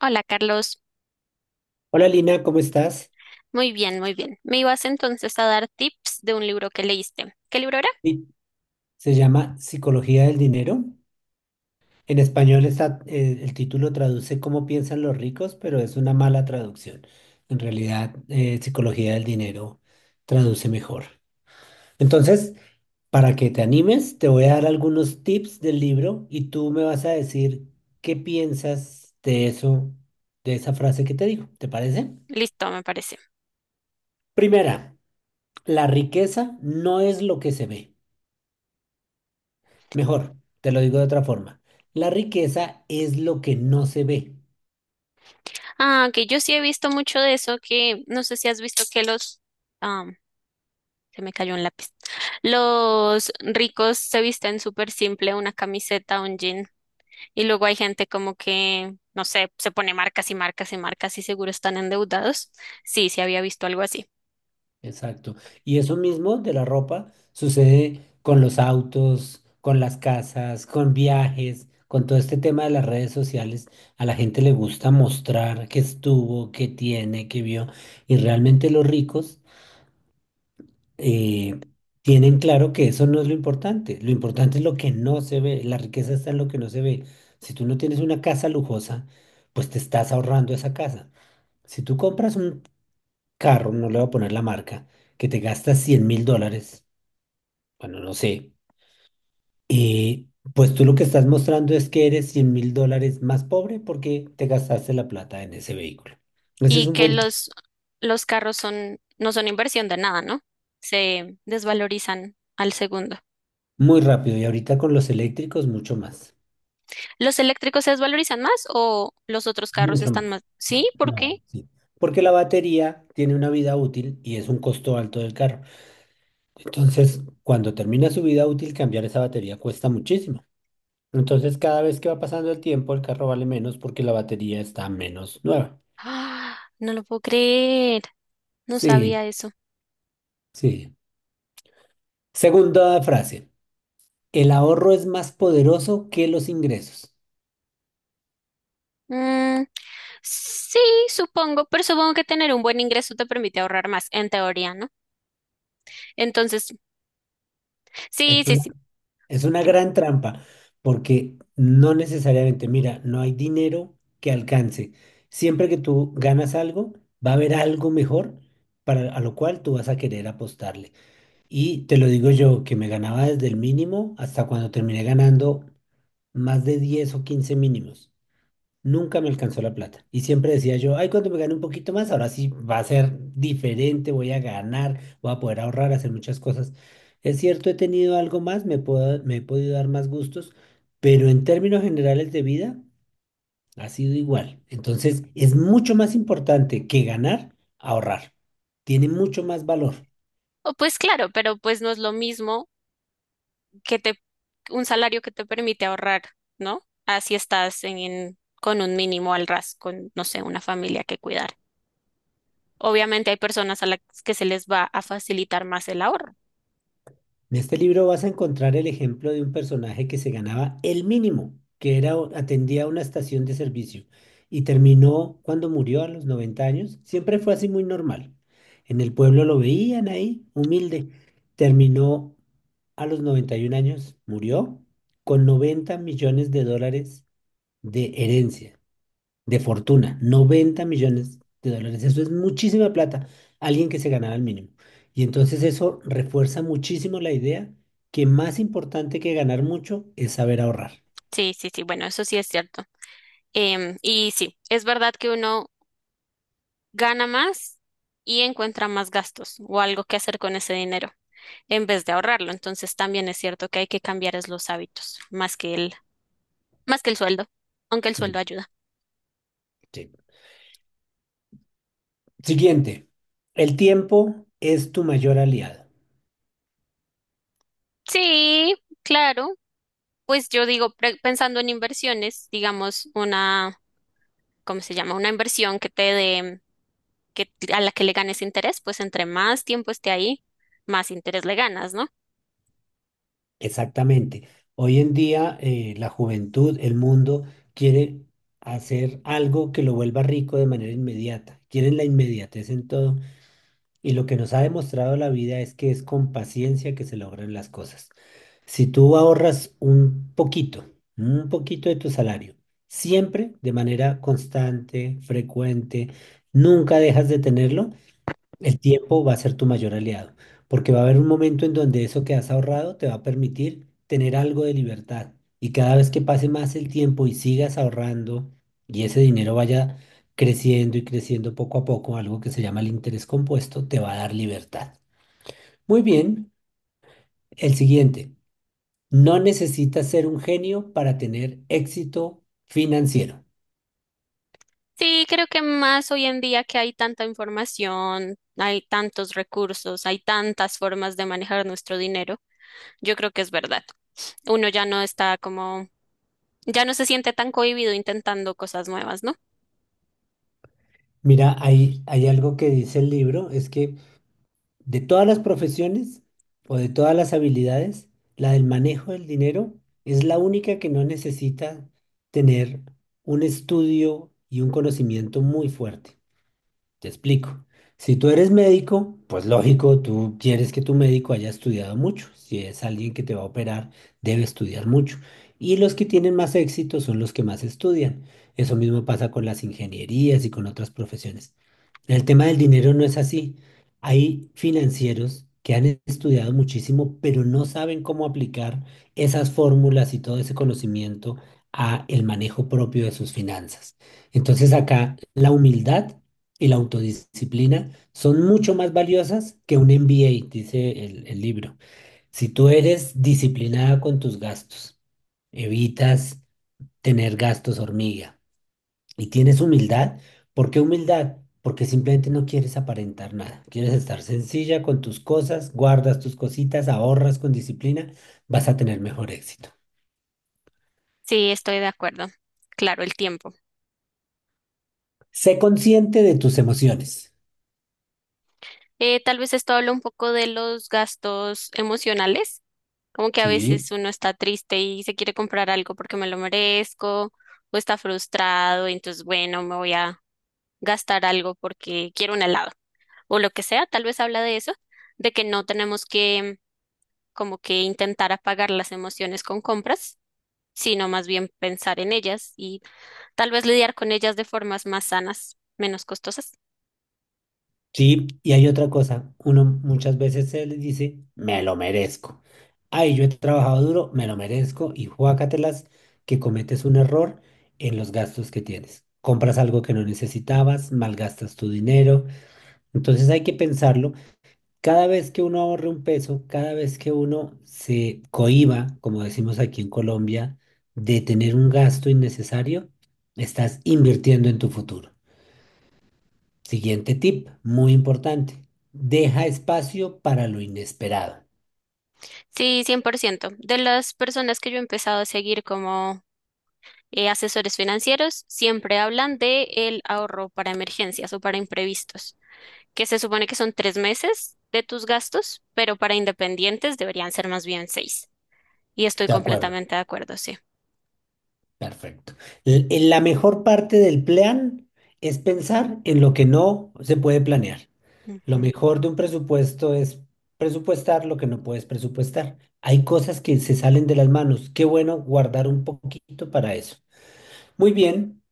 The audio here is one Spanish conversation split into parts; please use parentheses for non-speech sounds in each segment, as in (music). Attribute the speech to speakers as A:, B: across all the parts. A: Hola Carlos,
B: Hola Lina, ¿cómo estás?
A: muy bien, muy bien. Me ibas entonces a dar tips de un libro que leíste. ¿Qué libro era?
B: Sí. Se llama Psicología del Dinero. En español está, el título traduce cómo piensan los ricos, pero es una mala traducción. En realidad, Psicología del Dinero traduce mejor. Entonces, para que te animes, te voy a dar algunos tips del libro y tú me vas a decir qué piensas de eso, de esa frase que te digo. ¿Te parece?
A: Listo, me parece.
B: Primera, la riqueza no es lo que se ve. Mejor, te lo digo de otra forma. La riqueza es lo que no se ve.
A: Ah, que yo sí he visto mucho de eso, que no sé si has visto que los... Ah, se me cayó un lápiz. Los ricos se visten súper simple, una camiseta, un jean. Y luego hay gente como que, no sé, se pone marcas y marcas y marcas y seguro están endeudados. Sí, sí había visto algo así.
B: Exacto. Y eso mismo de la ropa sucede con los autos, con las casas, con viajes, con todo este tema de las redes sociales. A la gente le gusta mostrar qué estuvo, qué tiene, qué vio. Y realmente los ricos eh, tienen claro que eso no es lo importante. Lo importante es lo que no se ve. La riqueza está en lo que no se ve. Si tú no tienes una casa lujosa, pues te estás ahorrando esa casa. Si tú compras un carro, no le voy a poner la marca, que te gasta 100 mil dólares, bueno, no sé, y pues tú lo que estás mostrando es que eres 100 mil dólares más pobre porque te gastaste la plata en ese vehículo. Ese es
A: Y
B: un
A: que
B: buen tip,
A: los carros no son inversión de nada, ¿no? Se desvalorizan al segundo.
B: muy rápido y ahorita con los eléctricos mucho más,
A: ¿Los eléctricos se desvalorizan más o los otros carros
B: mucho más.
A: están más? Sí, ¿por qué?
B: No,
A: (gasps)
B: sí. Porque la batería tiene una vida útil y es un costo alto del carro. Entonces, cuando termina su vida útil, cambiar esa batería cuesta muchísimo. Entonces, cada vez que va pasando el tiempo, el carro vale menos porque la batería está menos nueva.
A: Ah, no lo puedo creer. No
B: Sí,
A: sabía eso.
B: sí. Segunda frase. El ahorro es más poderoso que los ingresos.
A: Mm, sí, supongo, pero supongo que tener un buen ingreso te permite ahorrar más, en teoría, ¿no? Entonces,
B: Es
A: sí, sí,
B: una,
A: sí.
B: es una
A: Ok.
B: gran trampa porque no necesariamente, mira, no hay dinero que alcance. Siempre que tú ganas algo, va a haber algo mejor para, a lo cual tú vas a querer apostarle. Y te lo digo yo, que me ganaba desde el mínimo hasta cuando terminé ganando más de 10 o 15 mínimos. Nunca me alcanzó la plata. Y siempre decía yo, ay, cuando me gane un poquito más, ahora sí va a ser diferente, voy a ganar, voy a poder ahorrar, hacer muchas cosas. Es cierto, he tenido algo más, me he podido dar más gustos, pero en términos generales de vida ha sido igual. Entonces, es mucho más importante que ganar, ahorrar. Tiene mucho más valor.
A: O pues claro, pero pues no es lo mismo que te, un salario que te permite ahorrar, ¿no? Así estás con un mínimo al ras, con, no sé, una familia que cuidar. Obviamente hay personas a las que se les va a facilitar más el ahorro.
B: En este libro vas a encontrar el ejemplo de un personaje que se ganaba el mínimo, que era, atendía una estación de servicio y terminó cuando murió a los 90 años. Siempre fue así muy normal. En el pueblo lo veían ahí, humilde. Terminó a los 91 años, murió con 90 millones de dólares de herencia de fortuna, 90 millones de dólares. Eso es muchísima plata, alguien que se ganara el mínimo. Y entonces eso refuerza muchísimo la idea que más importante que ganar mucho es saber ahorrar.
A: Sí, bueno, eso sí es cierto. Y sí, es verdad que uno gana más y encuentra más gastos o algo que hacer con ese dinero en vez de ahorrarlo. Entonces también es cierto que hay que cambiar es los hábitos más que el sueldo, aunque el sueldo
B: Bien.
A: ayuda.
B: Sí. Siguiente, el tiempo es tu mayor aliado.
A: Sí, claro. Pues yo digo, pensando en inversiones, ¿cómo se llama? Una inversión que a la que le ganes interés, pues entre más tiempo esté ahí, más interés le ganas, ¿no?
B: Exactamente. Hoy en día la juventud, el mundo quiere hacer algo que lo vuelva rico de manera inmediata. Quieren la inmediatez en todo. Y lo que nos ha demostrado la vida es que es con paciencia que se logran las cosas. Si tú ahorras un poquito de tu salario, siempre de manera constante, frecuente, nunca dejas de tenerlo, el tiempo va a ser tu mayor aliado, porque va a haber un momento en donde eso que has ahorrado te va a permitir tener algo de libertad. Y cada vez que pase más el tiempo y sigas ahorrando y ese dinero vaya creciendo y creciendo poco a poco, algo que se llama el interés compuesto, te va a dar libertad. Muy bien, el siguiente. No necesitas ser un genio para tener éxito financiero.
A: Sí, creo que más hoy en día que hay tanta información, hay tantos recursos, hay tantas formas de manejar nuestro dinero, yo creo que es verdad. Uno ya no está como, ya no se siente tan cohibido intentando cosas nuevas, ¿no?
B: Mira, hay algo que dice el libro, es que de todas las profesiones o de todas las habilidades, la del manejo del dinero es la única que no necesita tener un estudio y un conocimiento muy fuerte. Te explico. Si tú eres médico, pues lógico, tú quieres que tu médico haya estudiado mucho. Si es alguien que te va a operar, debe estudiar mucho. Y los que tienen más éxito son los que más estudian. Eso mismo pasa con las ingenierías y con otras profesiones. El tema del dinero no es así. Hay financieros que han estudiado muchísimo, pero no saben cómo aplicar esas fórmulas y todo ese conocimiento a el manejo propio de sus finanzas. Entonces acá la humildad y la autodisciplina son mucho más valiosas que un MBA, dice el libro. Si tú eres disciplinada con tus gastos, evitas tener gastos hormiga y tienes humildad, ¿por qué humildad? Porque simplemente no quieres aparentar nada, quieres estar sencilla con tus cosas, guardas tus cositas, ahorras con disciplina, vas a tener mejor éxito.
A: Sí, estoy de acuerdo. Claro, el tiempo.
B: Sé consciente de tus emociones,
A: Tal vez esto habla un poco de los gastos emocionales, como que a
B: ¿sí?
A: veces uno está triste y se quiere comprar algo porque me lo merezco, o está frustrado, y entonces, bueno, me voy a gastar algo porque quiero un helado o lo que sea, tal vez habla de eso, de que no tenemos que como que intentar apagar las emociones con compras, sino más bien pensar en ellas y tal vez lidiar con ellas de formas más sanas, menos costosas.
B: Sí, y hay otra cosa, uno muchas veces se les dice, me lo merezco. Ay, yo he trabajado duro, me lo merezco, y juácatelas que cometes un error en los gastos que tienes. Compras algo que no necesitabas, malgastas tu dinero. Entonces hay que pensarlo. Cada vez que uno ahorre un peso, cada vez que uno se cohíba, como decimos aquí en Colombia, de tener un gasto innecesario, estás invirtiendo en tu futuro. Siguiente tip, muy importante. Deja espacio para lo inesperado.
A: Sí, 100%. De las personas que yo he empezado a seguir como asesores financieros, siempre hablan de el ahorro para emergencias o para imprevistos, que se supone que son 3 meses de tus gastos, pero para independientes deberían ser más bien seis. Y estoy
B: De acuerdo,
A: completamente de acuerdo, sí.
B: perfecto. En la mejor parte del plan es pensar en lo que no se puede planear. Lo
A: Ujú.
B: mejor de un presupuesto es presupuestar lo que no puedes presupuestar. Hay cosas que se salen de las manos. Qué bueno guardar un poquito para eso. Muy bien,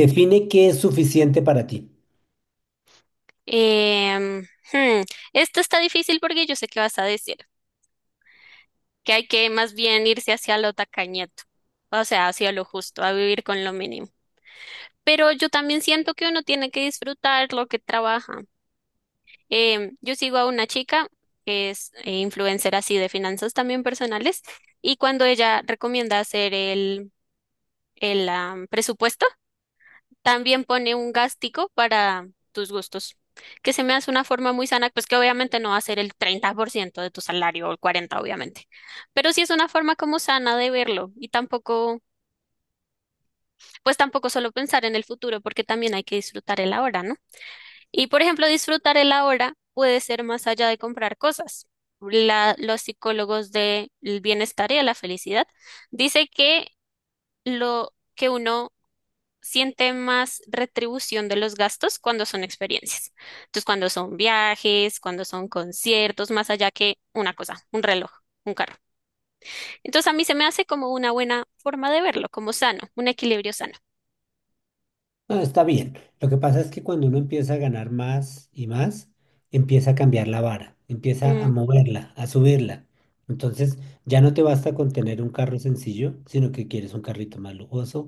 B: define qué es suficiente para ti.
A: Em, hmm, Esto está difícil porque yo sé qué vas a decir, que hay que más bien irse hacia lo tacañeto, o sea, hacia lo justo, a vivir con lo mínimo. Pero yo también siento que uno tiene que disfrutar lo que trabaja. Yo sigo a una chica que es influencer así de finanzas también personales y cuando ella recomienda el presupuesto, también pone un gástico para tus gustos, que se me hace una forma muy sana, pues que obviamente no va a ser el 30% de tu salario o el 40, obviamente, pero sí es una forma como sana de verlo y tampoco, pues tampoco solo pensar en el futuro, porque también hay que disfrutar el ahora, ¿no? Y por ejemplo, disfrutar el ahora puede ser más allá de comprar cosas. Los psicólogos del bienestar y de la felicidad dice que lo que uno sienten más retribución de los gastos cuando son experiencias. Entonces, cuando son viajes, cuando son conciertos, más allá que una cosa, un reloj, un carro. Entonces, a mí se me hace como una buena forma de verlo, como sano, un equilibrio sano.
B: No, está bien. Lo que pasa es que cuando uno empieza a ganar más y más, empieza a cambiar la vara, empieza a
A: Mm,
B: moverla, a subirla. Entonces, ya no te basta con tener un carro sencillo, sino que quieres un carrito más lujoso.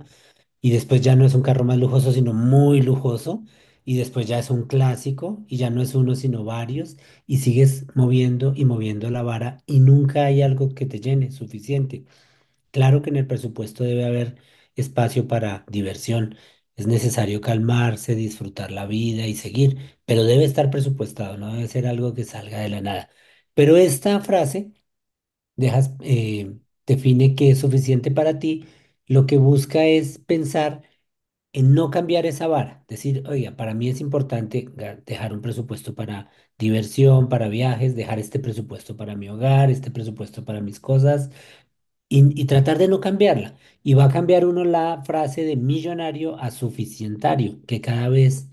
B: Y después ya no es un carro más lujoso, sino muy lujoso. Y después ya es un clásico y ya no es uno, sino varios. Y sigues moviendo y moviendo la vara y nunca hay algo que te llene suficiente. Claro que en el presupuesto debe haber espacio para diversión. Es necesario calmarse, disfrutar la vida y seguir, pero debe estar presupuestado, no debe ser algo que salga de la nada. Pero esta frase dejas, define que es suficiente para ti. Lo que busca es pensar en no cambiar esa vara. Decir, oiga, para mí es importante dejar un presupuesto para diversión, para viajes, dejar este presupuesto para mi hogar, este presupuesto para mis cosas y tratar de no cambiarla. Y va a cambiar uno la frase de millonario a suficientario, que cada vez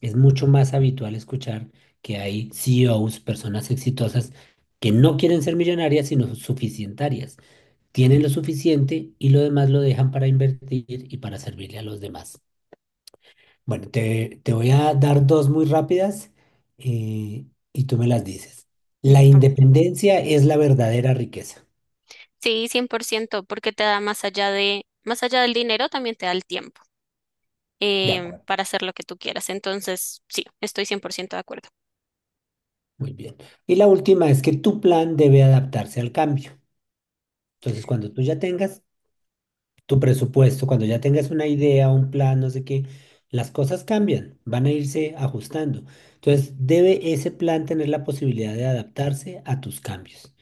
B: es mucho más habitual escuchar que hay CEOs, personas exitosas, que no quieren ser millonarias, sino suficientarias. Tienen lo suficiente y lo demás lo dejan para invertir y para servirle a los demás. Bueno, te voy a dar dos muy rápidas eh, y tú me las dices. La
A: listo.
B: independencia es la verdadera riqueza.
A: Sí, 100%, porque te da más allá de, más allá del dinero, también te da el tiempo
B: De acuerdo.
A: para hacer lo que tú quieras. Entonces, sí, estoy 100% de acuerdo.
B: Muy bien. Y la última es que tu plan debe adaptarse al cambio. Entonces, cuando tú ya tengas tu presupuesto, cuando ya tengas una idea, un plan, no sé qué, las cosas cambian, van a irse ajustando. Entonces, debe ese plan tener la posibilidad de adaptarse a tus cambios.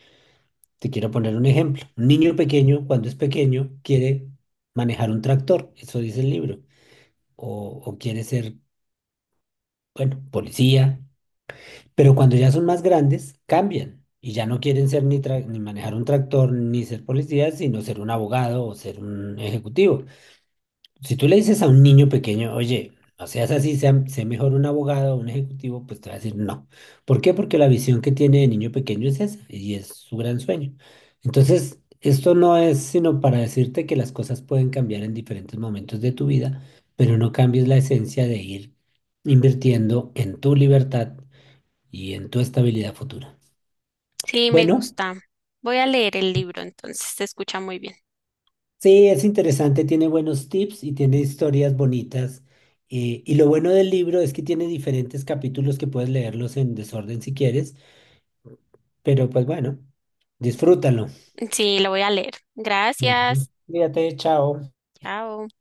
B: Te quiero poner un ejemplo. Un niño pequeño, cuando es pequeño, quiere manejar un tractor, eso dice el libro, o quiere ser, bueno, policía. Pero cuando ya son más grandes, cambian y ya no quieren ser ni manejar un tractor ni ser policías, sino ser un abogado o ser un ejecutivo. Si tú le dices a un niño pequeño, oye, no seas así, sé mejor un abogado o un ejecutivo, pues te va a decir no. ¿Por qué? Porque la visión que tiene de niño pequeño es esa y es su gran sueño. Entonces, esto no es sino para decirte que las cosas pueden cambiar en diferentes momentos de tu vida, pero no cambies la esencia de ir invirtiendo en tu libertad y en tu estabilidad futura.
A: Sí, me
B: Bueno,
A: gusta. Voy a leer el libro, entonces se escucha muy bien.
B: sí, es interesante, tiene buenos tips y tiene historias bonitas. Y lo bueno del libro es que tiene diferentes capítulos que puedes leerlos en desorden si quieres, pero pues bueno, disfrútalo.
A: Sí, lo voy a leer.
B: Ujú.
A: Gracias.
B: Cuídate, chao.
A: Chao.